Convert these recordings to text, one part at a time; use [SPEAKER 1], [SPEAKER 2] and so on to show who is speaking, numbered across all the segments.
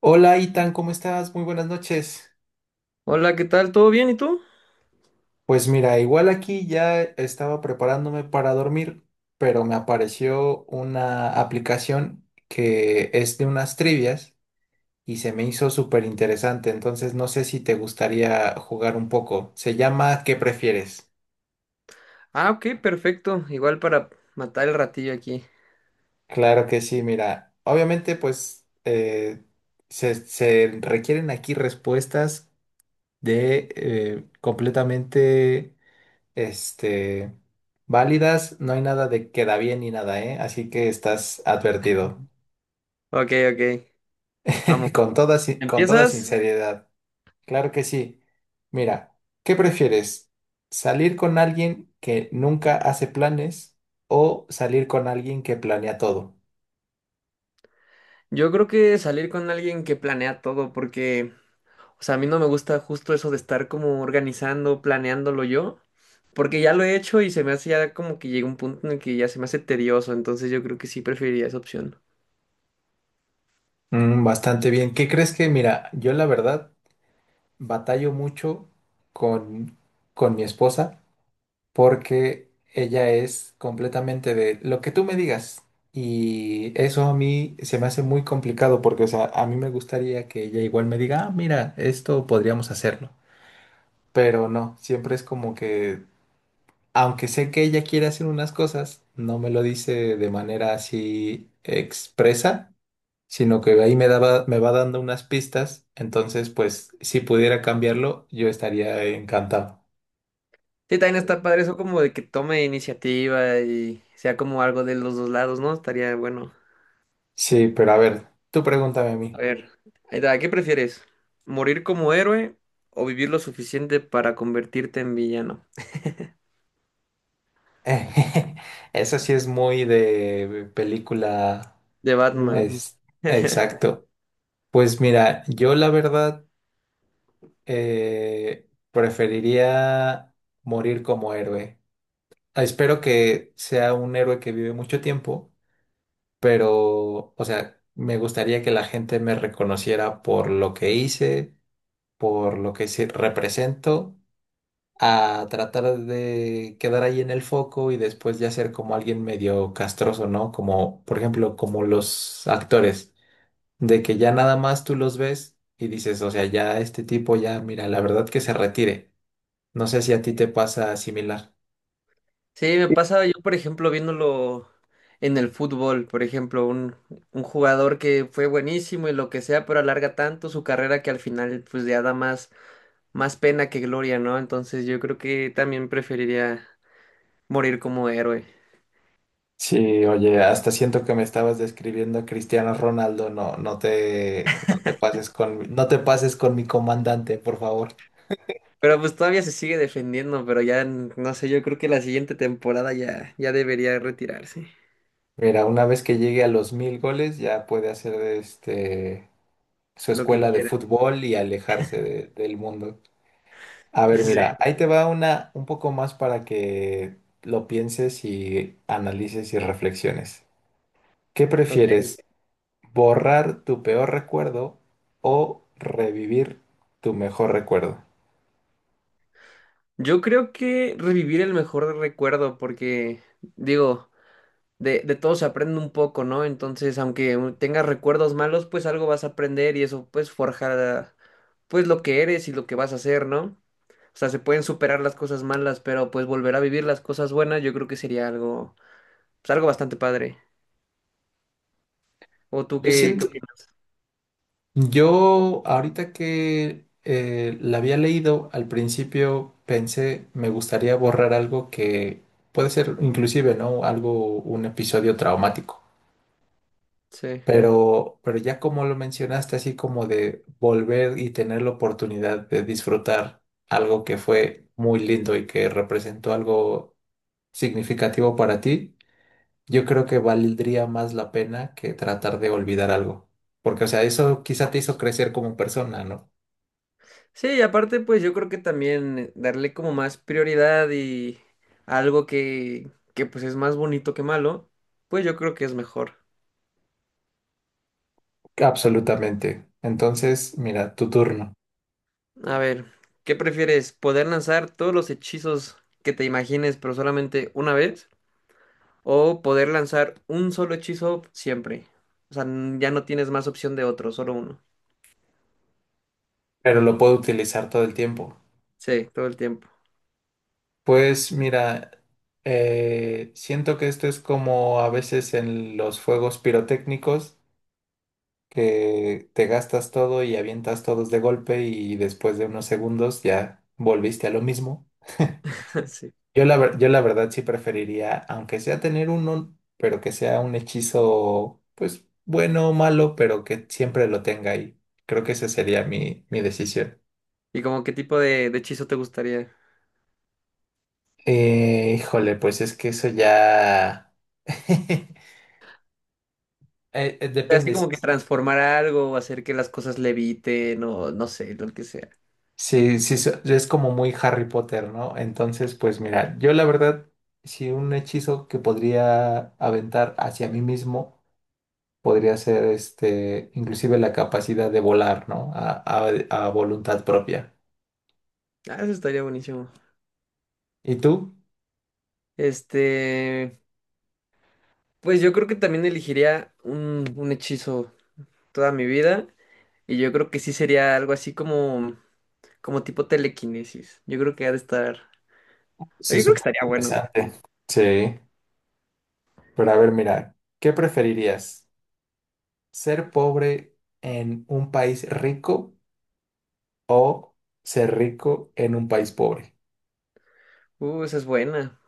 [SPEAKER 1] Hola, Itan, ¿cómo estás? Muy buenas noches.
[SPEAKER 2] Hola, ¿qué tal? ¿Todo bien? ¿Y tú?
[SPEAKER 1] Pues mira, igual aquí ya estaba preparándome para dormir, pero me apareció una aplicación que es de unas trivias y se me hizo súper interesante, entonces no sé si te gustaría jugar un poco. Se llama ¿Qué prefieres?
[SPEAKER 2] Ah, ok, perfecto. Igual para matar el ratillo aquí.
[SPEAKER 1] Claro que sí, mira, obviamente pues se requieren aquí respuestas de completamente este, válidas, no hay nada de queda bien ni nada, ¿eh? Así que estás advertido.
[SPEAKER 2] Ok, ok. Vamos.
[SPEAKER 1] Con toda, con toda
[SPEAKER 2] ¿Empiezas?
[SPEAKER 1] sinceridad. Claro que sí. Mira, ¿qué prefieres? ¿Salir con alguien que nunca hace planes o salir con alguien que planea todo?
[SPEAKER 2] Yo creo que salir con alguien que planea todo, porque, o sea, a mí no me gusta justo eso de estar como organizando, planeándolo yo, porque ya lo he hecho y se me hace ya como que llega un punto en el que ya se me hace tedioso, entonces yo creo que sí preferiría esa opción.
[SPEAKER 1] Mm, bastante bien. ¿Qué crees que, mira, yo la verdad batallo mucho con, con mi esposa, porque ella es completamente de lo que tú me digas. Y eso a mí se me hace muy complicado porque, o sea, a mí me gustaría que ella igual me diga, ah, mira, esto podríamos hacerlo. Pero no, siempre es como que, aunque sé que ella quiere hacer unas cosas, no me lo dice de manera así expresa, sino que me va dando unas pistas. Entonces, pues, si pudiera cambiarlo, yo estaría encantado.
[SPEAKER 2] Sí, también está padre eso como de que tome iniciativa y sea como algo de los dos lados, ¿no? Estaría bueno.
[SPEAKER 1] Sí, pero a ver, tú pregúntame a
[SPEAKER 2] A
[SPEAKER 1] mí.
[SPEAKER 2] ver, ahí está, ¿qué prefieres? ¿Morir como héroe o vivir lo suficiente para convertirte en villano?
[SPEAKER 1] Eso sí es muy de película.
[SPEAKER 2] De
[SPEAKER 1] De Batman.
[SPEAKER 2] Batman.
[SPEAKER 1] Es, exacto. Pues mira, yo la verdad preferiría morir como héroe. Espero que sea un héroe que vive mucho tiempo, pero, o sea, me gustaría que la gente me reconociera por lo que hice, por lo que sí represento, a tratar de quedar ahí en el foco y después ya ser como alguien medio castroso, ¿no? Como, por ejemplo, como los actores, de que ya nada más tú los ves y dices, o sea, ya este tipo ya, mira, la verdad que se retire. No sé si a ti te pasa similar.
[SPEAKER 2] Sí, me pasa yo, por ejemplo, viéndolo en el fútbol, por ejemplo, un jugador que fue buenísimo y lo que sea, pero alarga tanto su carrera que al final pues ya da más, más pena que gloria, ¿no? Entonces yo creo que también preferiría morir como héroe.
[SPEAKER 1] Sí, oye, hasta siento que me estabas describiendo a Cristiano Ronaldo, no, no te pases con, no te pases con mi comandante, por favor.
[SPEAKER 2] Pero pues todavía se sigue defendiendo, pero ya, no sé, yo creo que la siguiente temporada ya, ya debería retirarse.
[SPEAKER 1] Mira, una vez que llegue a los mil goles, ya puede hacer este su
[SPEAKER 2] Lo que
[SPEAKER 1] escuela de
[SPEAKER 2] quieras.
[SPEAKER 1] fútbol y alejarse del mundo. A ver, mira,
[SPEAKER 2] Sí.
[SPEAKER 1] ahí te va una un poco más para que lo pienses y analices y reflexiones. ¿Qué
[SPEAKER 2] Ok.
[SPEAKER 1] prefieres? ¿Borrar tu peor recuerdo o revivir tu mejor recuerdo?
[SPEAKER 2] Yo creo que revivir el mejor recuerdo, porque digo, de todo se aprende un poco, ¿no? Entonces, aunque tengas recuerdos malos, pues algo vas a aprender y eso pues forjará pues lo que eres y lo que vas a hacer, ¿no? O sea, se pueden superar las cosas malas, pero pues volver a vivir las cosas buenas, yo creo que sería algo, pues algo bastante padre. ¿O tú
[SPEAKER 1] Yo
[SPEAKER 2] qué, qué
[SPEAKER 1] siento,
[SPEAKER 2] opinas?
[SPEAKER 1] yo ahorita que la había leído, al principio pensé, me gustaría borrar algo que puede ser inclusive, ¿no? Algo, un episodio traumático.
[SPEAKER 2] Sí.
[SPEAKER 1] Pero ya como lo mencionaste, así como de volver y tener la oportunidad de disfrutar algo que fue muy lindo y que representó algo significativo para ti, yo creo que valdría más la pena que tratar de olvidar algo. Porque, o sea, eso quizá te hizo crecer como persona, ¿no?
[SPEAKER 2] Sí, y aparte, pues yo creo que también darle como más prioridad y algo que pues es más bonito que malo, pues yo creo que es mejor.
[SPEAKER 1] Absolutamente. Entonces, mira, tu turno.
[SPEAKER 2] A ver, ¿qué prefieres? ¿Poder lanzar todos los hechizos que te imagines, pero solamente una vez? ¿O poder lanzar un solo hechizo siempre? O sea, ya no tienes más opción de otro, solo uno.
[SPEAKER 1] Pero lo puedo utilizar todo el tiempo.
[SPEAKER 2] Sí, todo el tiempo.
[SPEAKER 1] Pues mira, siento que esto es como a veces en los fuegos pirotécnicos, que te gastas todo y avientas todos de golpe y después de unos segundos ya volviste a lo mismo.
[SPEAKER 2] Sí.
[SPEAKER 1] Yo la, yo la verdad sí preferiría, aunque sea tener uno, pero que sea un hechizo, pues bueno o malo, pero que siempre lo tenga ahí. Creo que esa sería mi decisión.
[SPEAKER 2] ¿Y como qué tipo de hechizo te gustaría?
[SPEAKER 1] Híjole, pues es que eso ya...
[SPEAKER 2] O sea, así
[SPEAKER 1] depende.
[SPEAKER 2] como que transformar algo, o hacer que las cosas leviten, o no sé, lo que sea.
[SPEAKER 1] Sí, es como muy Harry Potter, ¿no? Entonces, pues mira, yo la verdad, si un hechizo que podría aventar hacia mí mismo podría ser este, inclusive la capacidad de volar, ¿no? A voluntad propia.
[SPEAKER 2] Ah, eso estaría buenísimo.
[SPEAKER 1] ¿Y tú?
[SPEAKER 2] Este, pues yo creo que también elegiría un hechizo toda mi vida y yo creo que sí sería algo así como, como tipo telequinesis. Yo creo que ha de estar, yo
[SPEAKER 1] Se
[SPEAKER 2] creo que
[SPEAKER 1] supone
[SPEAKER 2] estaría bueno.
[SPEAKER 1] interesante. Sí, pero a ver, mira, ¿qué preferirías? ¿Ser pobre en un país rico o ser rico en un país pobre?
[SPEAKER 2] Esa es buena.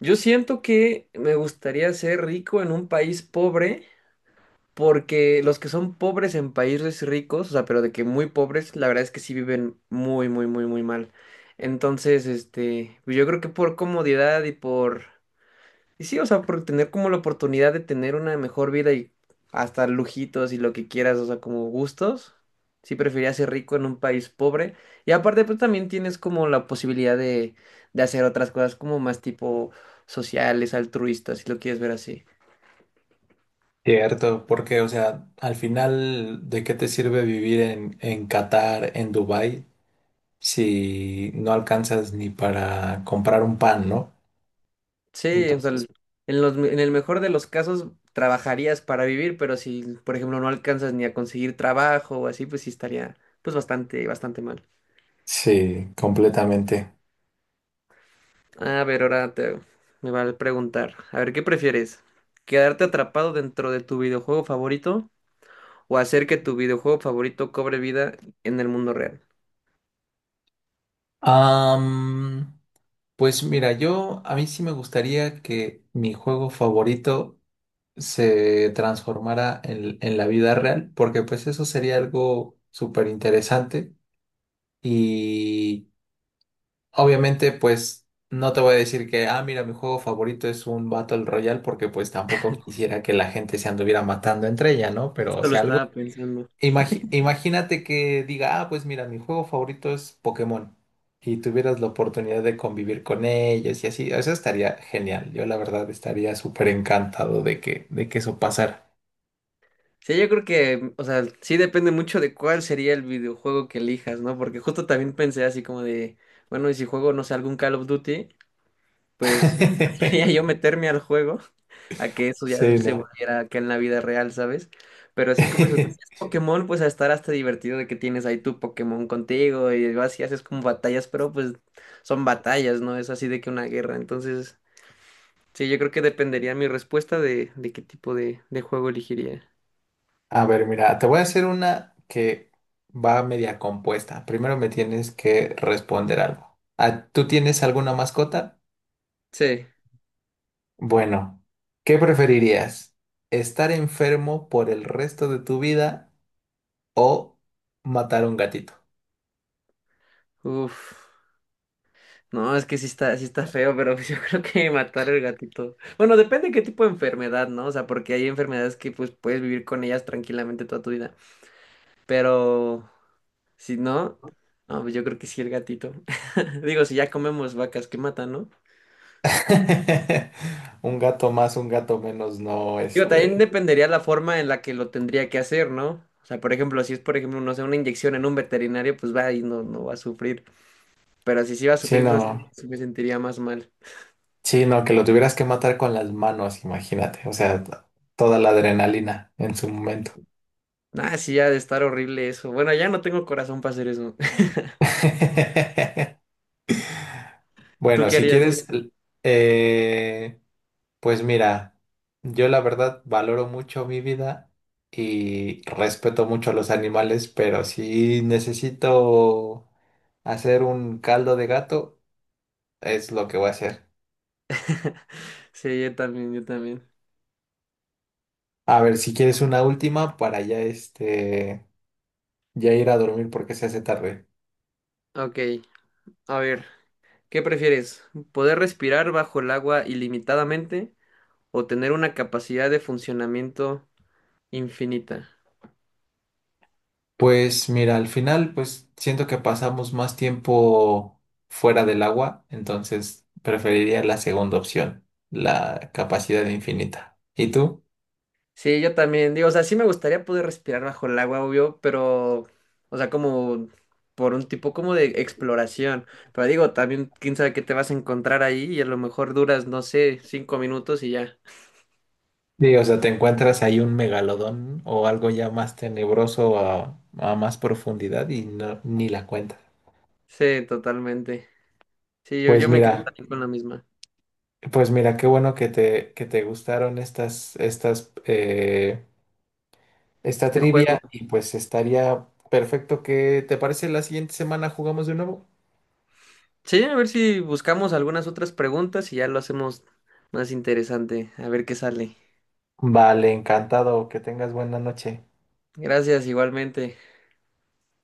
[SPEAKER 2] Yo siento que me gustaría ser rico en un país pobre porque los que son pobres en países ricos, o sea, pero de que muy pobres, la verdad es que sí viven muy, muy, muy, muy mal. Entonces, este, pues yo creo que por comodidad y por... Y sí, o sea, por tener como la oportunidad de tener una mejor vida y hasta lujitos y lo que quieras, o sea, como gustos. Sí, preferiría ser rico en un país pobre. Y aparte, pues también tienes como la posibilidad de hacer otras cosas como más tipo sociales, altruistas, si lo quieres ver así.
[SPEAKER 1] Cierto, porque, o sea, al final, ¿de qué te sirve vivir en Qatar, en Dubái, si no alcanzas ni para comprar un pan, ¿no?
[SPEAKER 2] Sí, o sea,
[SPEAKER 1] Entonces,
[SPEAKER 2] en los, en el mejor de los casos trabajarías para vivir, pero si, por ejemplo, no alcanzas ni a conseguir trabajo o así, pues sí estaría pues bastante, bastante mal.
[SPEAKER 1] sí, completamente.
[SPEAKER 2] A ver, me va a preguntar. A ver, ¿qué prefieres? ¿Quedarte atrapado dentro de tu videojuego favorito o hacer que tu videojuego favorito cobre vida en el mundo real?
[SPEAKER 1] Am, pues mira, yo, a mí sí me gustaría que mi juego favorito se transformara en la vida real, porque pues eso sería algo súper interesante y... Obviamente, pues no te voy a decir que, ah, mira, mi juego favorito es un Battle Royale porque pues tampoco quisiera que la gente se anduviera matando entre ella, ¿no? Pero, o
[SPEAKER 2] Esto lo
[SPEAKER 1] sea, algo,
[SPEAKER 2] estaba pensando.
[SPEAKER 1] imagínate que diga, ah, pues mira, mi juego favorito es Pokémon y tuvieras la oportunidad de convivir con ellos y así, eso estaría genial. Yo la verdad estaría súper encantado de de que eso pasara.
[SPEAKER 2] Sí, yo creo que, o sea, sí depende mucho de cuál sería el videojuego que elijas, ¿no? Porque justo también pensé así como de, bueno, y si juego, no sé, algún Call of Duty, pues quería yo meterme al juego a que eso ya
[SPEAKER 1] Sí,
[SPEAKER 2] se
[SPEAKER 1] ¿no?
[SPEAKER 2] volviera acá en la vida real, ¿sabes? Pero así como dices, si es Pokémon, pues a estar hasta divertido de que tienes ahí tu Pokémon contigo y vas y haces como batallas, pero pues son batallas, ¿no? Es así de que una guerra. Entonces, sí, yo creo que dependería mi respuesta de, qué tipo de juego elegiría.
[SPEAKER 1] A ver, mira, te voy a hacer una que va media compuesta. Primero me tienes que responder algo. Ah, ¿tú tienes alguna mascota?
[SPEAKER 2] Sí,
[SPEAKER 1] Bueno, ¿qué preferirías? ¿Estar enfermo por el resto de tu vida o matar a un gatito?
[SPEAKER 2] uff. No, es que sí está feo, pero pues yo creo que matar el gatito. Bueno, depende qué tipo de enfermedad, ¿no? O sea, porque hay enfermedades que pues puedes vivir con ellas tranquilamente toda tu vida. Pero si no, no, pues yo creo que sí el gatito. Digo, si ya comemos vacas que matan, ¿no?
[SPEAKER 1] Un gato más, un gato menos, no,
[SPEAKER 2] Digo, también
[SPEAKER 1] este,
[SPEAKER 2] dependería la forma en la que lo tendría que hacer, ¿no? O sea, por ejemplo, si es, por ejemplo, no sé, una inyección en un veterinario, pues va y no, no va a sufrir. Pero si sí va a sufrir, no sé,
[SPEAKER 1] sino,
[SPEAKER 2] sí me sentiría más mal.
[SPEAKER 1] sino que lo tuvieras que matar con las manos, imagínate, o sea, toda la adrenalina en su momento.
[SPEAKER 2] Ah, sí, ha de estar horrible eso. Bueno, ya no tengo corazón para hacer eso. ¿Tú
[SPEAKER 1] Bueno,
[SPEAKER 2] qué
[SPEAKER 1] si
[SPEAKER 2] harías?
[SPEAKER 1] quieres, eh, pues mira, yo la verdad valoro mucho mi vida y respeto mucho a los animales, pero si necesito hacer un caldo de gato, es lo que voy a hacer.
[SPEAKER 2] Sí, yo también, yo también.
[SPEAKER 1] A ver, si quieres una última para ya este, ya ir a dormir porque se hace tarde.
[SPEAKER 2] Ok, a ver, ¿qué prefieres? ¿Poder respirar bajo el agua ilimitadamente o tener una capacidad de funcionamiento infinita?
[SPEAKER 1] Pues mira, al final, pues siento que pasamos más tiempo fuera del agua, entonces preferiría la segunda opción, la capacidad infinita. ¿Y tú?
[SPEAKER 2] Sí, yo también, digo, o sea, sí me gustaría poder respirar bajo el agua, obvio, pero, o sea, como por un tipo como de exploración. Pero digo, también, quién sabe qué te vas a encontrar ahí y a lo mejor duras, no sé, 5 minutos y ya.
[SPEAKER 1] Sí, o sea, te encuentras ahí un megalodón o algo ya más tenebroso a más profundidad y no, ni la cuentas.
[SPEAKER 2] Sí, totalmente. Sí, yo,
[SPEAKER 1] Pues
[SPEAKER 2] yo me quedo
[SPEAKER 1] mira,
[SPEAKER 2] también con la misma.
[SPEAKER 1] pues mira, qué bueno que te gustaron estas, estas, esta
[SPEAKER 2] Este juego.
[SPEAKER 1] trivia y pues estaría perfecto que, ¿te parece la siguiente semana jugamos de nuevo?
[SPEAKER 2] Sí, a ver si buscamos algunas otras preguntas y ya lo hacemos más interesante. A ver qué sale.
[SPEAKER 1] Vale, encantado. Que tengas buena noche.
[SPEAKER 2] Gracias, igualmente.